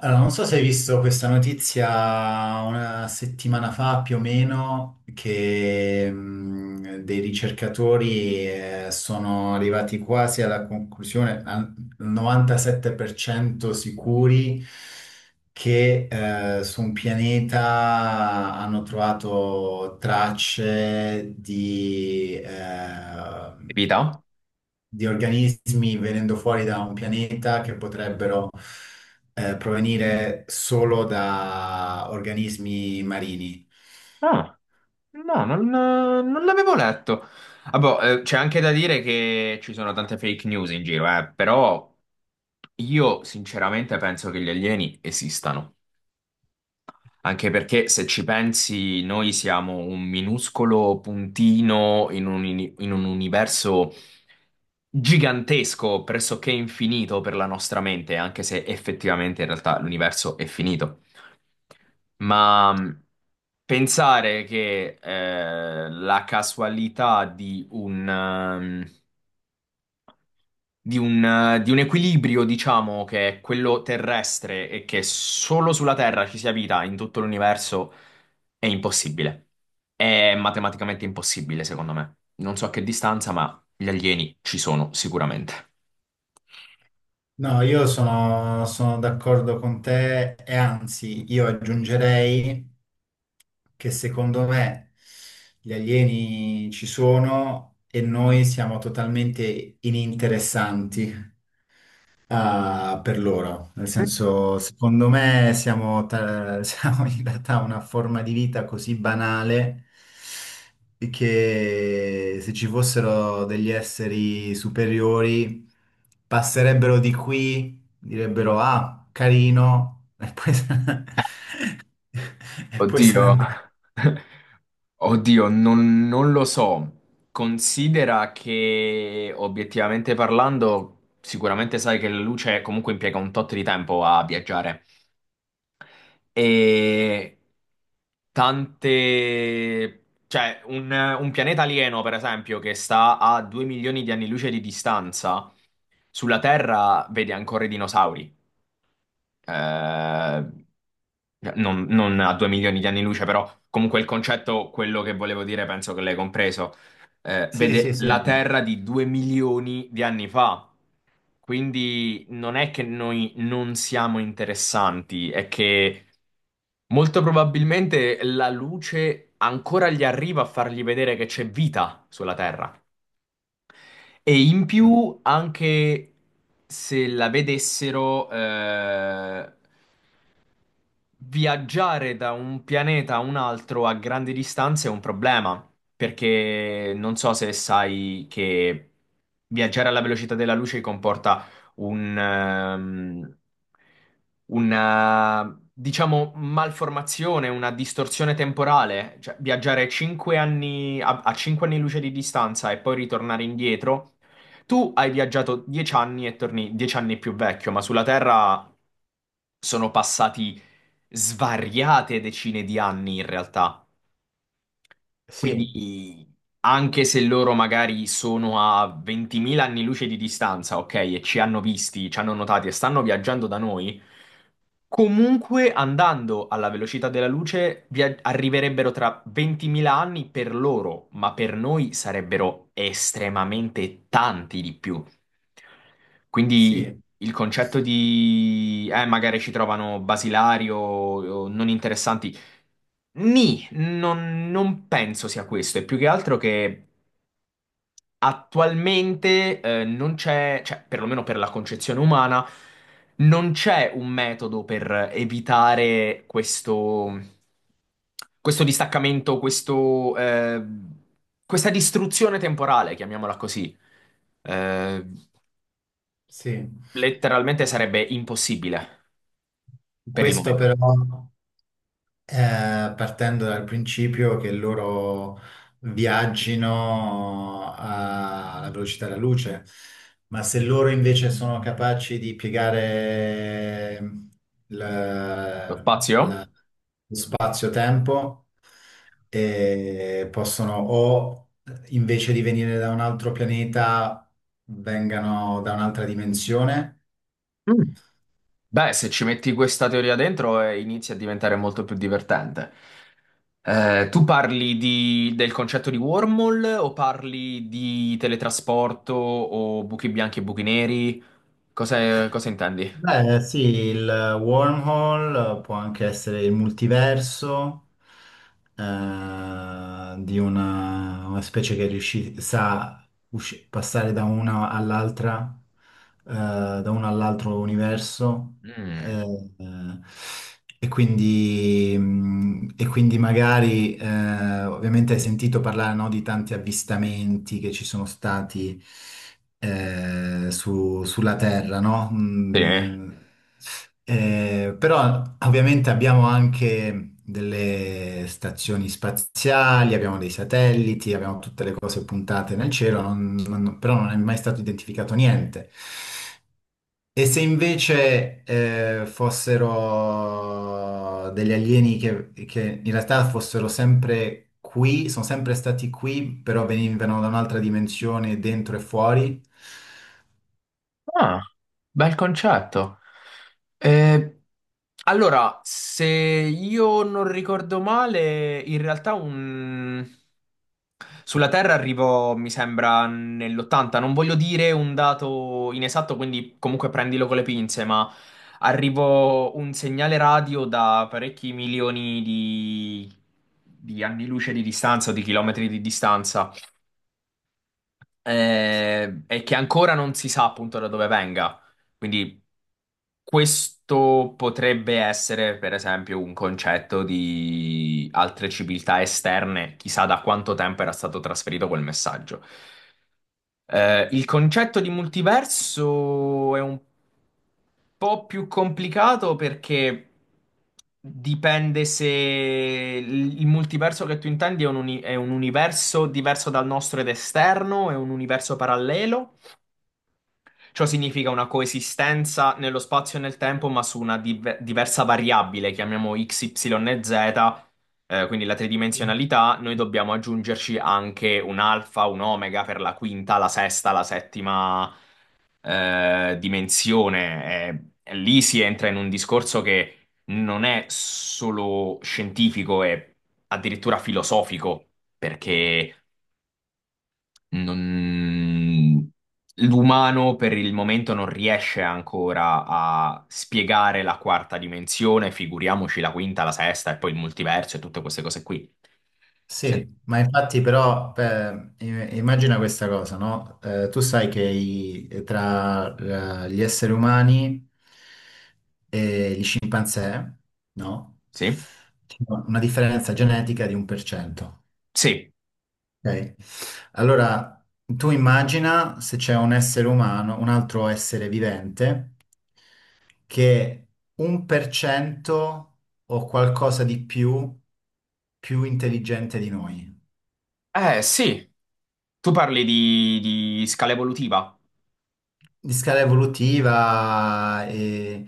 Allora, non so se hai visto questa notizia una settimana fa più o meno, che dei ricercatori, sono arrivati quasi alla conclusione, al 97% sicuri, che su un pianeta hanno trovato tracce Vita? di organismi venendo fuori da un pianeta che potrebbero, provenire solo da organismi marini. Ah, no, non l'avevo letto. Ah, boh, c'è anche da dire che ci sono tante fake news in giro, però io sinceramente penso che gli alieni esistano, anche perché se ci pensi noi siamo un minuscolo puntino in un universo gigantesco, pressoché infinito per la nostra mente, anche se effettivamente in realtà l'universo è finito. Ma pensare che la casualità di un equilibrio, diciamo, che è quello terrestre e che solo sulla Terra ci sia vita in tutto l'universo è impossibile. È matematicamente impossibile, secondo me. Non so a che distanza, ma gli alieni ci sono sicuramente. No, io sono d'accordo con te e anzi, io aggiungerei che secondo me gli alieni ci sono e noi siamo totalmente ininteressanti. Ah, per loro, nel senso, secondo me siamo, siamo in realtà una forma di vita così banale che se ci fossero degli esseri superiori passerebbero di qui, direbbero ah, carino, e poi se ne, e poi se ne Oddio. andrebbero. Oddio, non lo so. Considera che obiettivamente parlando, sicuramente sai che la luce comunque impiega un tot di tempo a viaggiare. E tante... cioè, un pianeta alieno, per esempio, che sta a 2 milioni di anni luce di distanza, sulla Terra vede ancora i dinosauri. eh, cioè, non a 2 milioni di anni luce, però comunque il concetto, quello che volevo dire, penso che l'hai compreso, Sì, vede sì, sì, la Terra di 2 milioni di anni fa. Quindi non è che noi non siamo interessanti, è che molto probabilmente la luce ancora gli arriva a fargli vedere che c'è vita sulla Terra. E in più, anche se la vedessero, viaggiare da un pianeta a un altro a grandi distanze è un problema, perché non so se sai che viaggiare alla velocità della luce comporta un, ehm, una, diciamo, malformazione, una distorsione temporale. Cioè, viaggiare cinque anni, a 5 anni luce di distanza e poi ritornare indietro. Tu hai viaggiato 10 anni e torni 10 anni più vecchio, ma sulla Terra sono passati svariate decine di anni in realtà. sì, Quindi anche se loro magari sono a 20.000 anni luce di distanza, ok, e ci hanno visti, ci hanno notati e stanno viaggiando da noi, comunque andando alla velocità della luce arriverebbero tra 20.000 anni per loro, ma per noi sarebbero estremamente tanti di più. Quindi sì, il concetto di magari ci trovano basilari o non interessanti. Nì, non penso sia questo, è più che altro che attualmente non c'è, cioè perlomeno per la concezione umana, non c'è un metodo per evitare questo, questo distaccamento, questa distruzione temporale, chiamiamola così. Eh, sì. Letteralmente sarebbe impossibile per il Questo momento. però. Partendo dal principio che loro alla velocità della luce, ma se loro invece sono capaci di piegare Lo la- spazio? la- lo spazio-tempo, possono, o invece di venire da un altro pianeta vengano da un'altra dimensione. Mm. Beh, se ci metti questa teoria dentro, inizia a diventare molto più divertente. Tu parli del concetto di wormhole o parli di teletrasporto o buchi bianchi e buchi neri? Cosa intendi? Beh, sì, il wormhole, può anche essere il multiverso, eh, di una specie che sa passare da una all'altra, eh, da uno all'altro universo. Mm, eh, eh, e quindi, e quindi magari, ovviamente hai sentito parlare, no, di tanti avvistamenti che ci sono stati sulla Terra, no? sì. Però ovviamente abbiamo anche delle stazioni spaziali, abbiamo dei satelliti, abbiamo tutte le cose puntate nel cielo, però non è mai stato identificato niente. E se invece, fossero degli alieni che in realtà fossero sempre qui, sono sempre stati qui, però venivano da un'altra dimensione, dentro e fuori. Ah, bel concetto. Eh, Allora, se io non ricordo male, in realtà un... sulla Terra arrivo, mi sembra, nell'80. Non voglio dire un dato inesatto, quindi comunque prendilo con le pinze, ma arrivo un segnale radio da parecchi milioni di anni luce di distanza o di chilometri di distanza, e che ancora non si sa appunto da dove venga. Quindi questo potrebbe essere, per esempio, un concetto di altre civiltà esterne, chissà da quanto tempo era stato trasferito quel messaggio. Il concetto di multiverso è un po' più complicato perché dipende se il multiverso che tu intendi è è un universo diverso dal nostro ed esterno, è un universo parallelo. Ciò significa una coesistenza nello spazio e nel tempo, ma su una diversa variabile, chiamiamo x, y e z, quindi la tridimensionalità, noi dobbiamo aggiungerci anche un alfa, un omega per la quinta, la sesta, la settima, dimensione. E lì si entra in un discorso che non è solo scientifico, è addirittura filosofico, perché non- l'umano per il momento non riesce ancora a spiegare la quarta dimensione, figuriamoci la quinta, la sesta e poi il multiverso e tutte queste cose qui. Sì? Sì, ma infatti però, immagina questa cosa, no? Tu sai che, tra gli esseri umani e gli scimpanzé, no? Sì? C'è una differenza genetica di un per cento, Sì. ok? Allora, tu immagina se c'è un essere umano, un altro essere vivente, che un per cento o qualcosa di più, più intelligente di noi. Sì. Tu parli di scala evolutiva? Di scala evolutiva e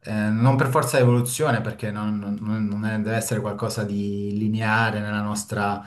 non per forza evoluzione, perché non, non- non è- deve essere qualcosa di lineare nella nostra,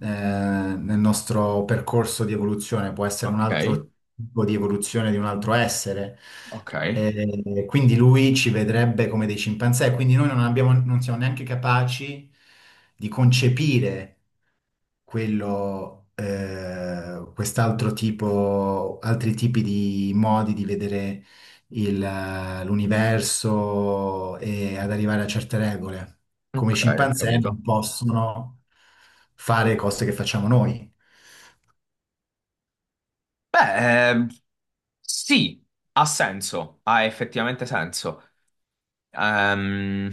nel nostro percorso di evoluzione, può essere un Ok, altro tipo di evoluzione di un altro essere. ok, E quindi lui ci vedrebbe come dei cimpanzé, quindi noi non abbiamo- non siamo neanche capaci di concepire quello, quest'altro tipo, altri tipi di modi di vedere il, l'universo e ad arrivare a certe regole. Come i ok, ho scimpanzé non capito. possono fare cose che facciamo noi. Beh, sì, ha senso, ha effettivamente senso. Ehm,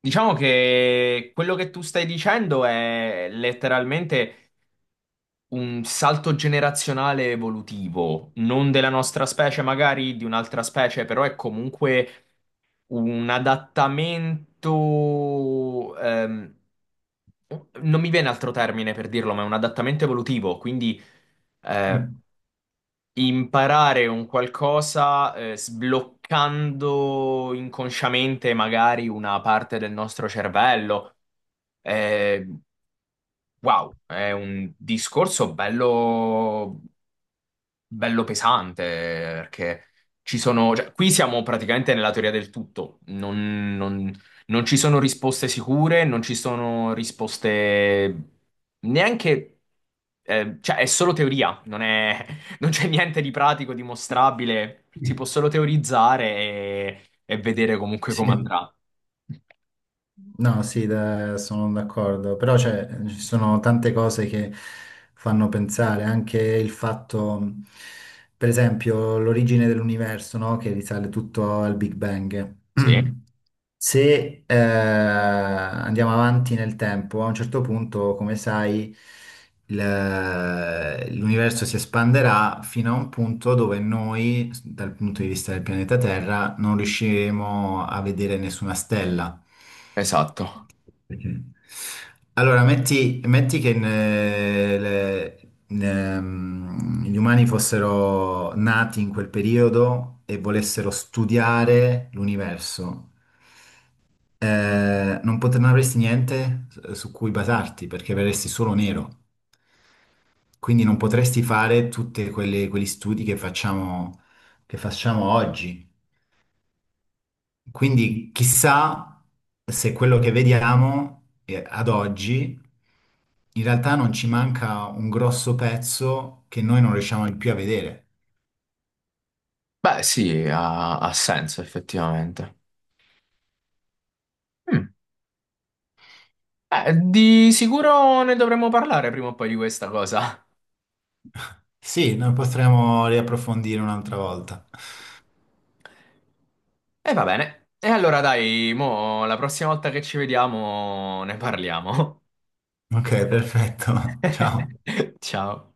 Diciamo che quello che tu stai dicendo è letteralmente un salto generazionale evolutivo, non della nostra specie, magari di un'altra specie, però è comunque un adattamento, non mi viene altro termine per dirlo, ma è un adattamento evolutivo, quindi eh, Mm. imparare un qualcosa sbloccando inconsciamente magari una parte del nostro cervello. Eh, wow, è un discorso bello, bello pesante, perché ci sono, cioè, qui siamo praticamente nella teoria del tutto, non ci sono risposte sicure, non ci sono risposte neanche, cioè è solo teoria, non è- non c'è niente di pratico, dimostrabile, si può solo teorizzare e vedere comunque come Sì. andrà. No, sì, sono d'accordo, però cioè, ci sono tante cose che fanno pensare, anche il fatto, per esempio, l'origine dell'universo, no? Che risale tutto al Big Bang. Sì, Se andiamo avanti nel tempo, a un certo punto, come sai, l'universo si espanderà fino a un punto dove noi, dal punto di vista del pianeta Terra, non riusciremo a vedere nessuna stella. esatto. Perché? Allora, metti che gli umani fossero nati in quel periodo e volessero studiare l'universo. Non avresti niente su cui basarti perché verresti solo nero. Quindi non potresti fare tutti quegli studi che che facciamo oggi. Quindi chissà se quello che vediamo, ad oggi in realtà non ci manca un grosso pezzo che noi non riusciamo più a vedere. Beh, sì, ha senso effettivamente. Mm. Di sicuro ne dovremmo parlare prima o poi di questa cosa. Sì, noi potremo riapprofondire un'altra volta. E va bene. E allora dai, mo, la prossima volta che ci vediamo ne parliamo. Ok, perfetto. Ciao. Ciao.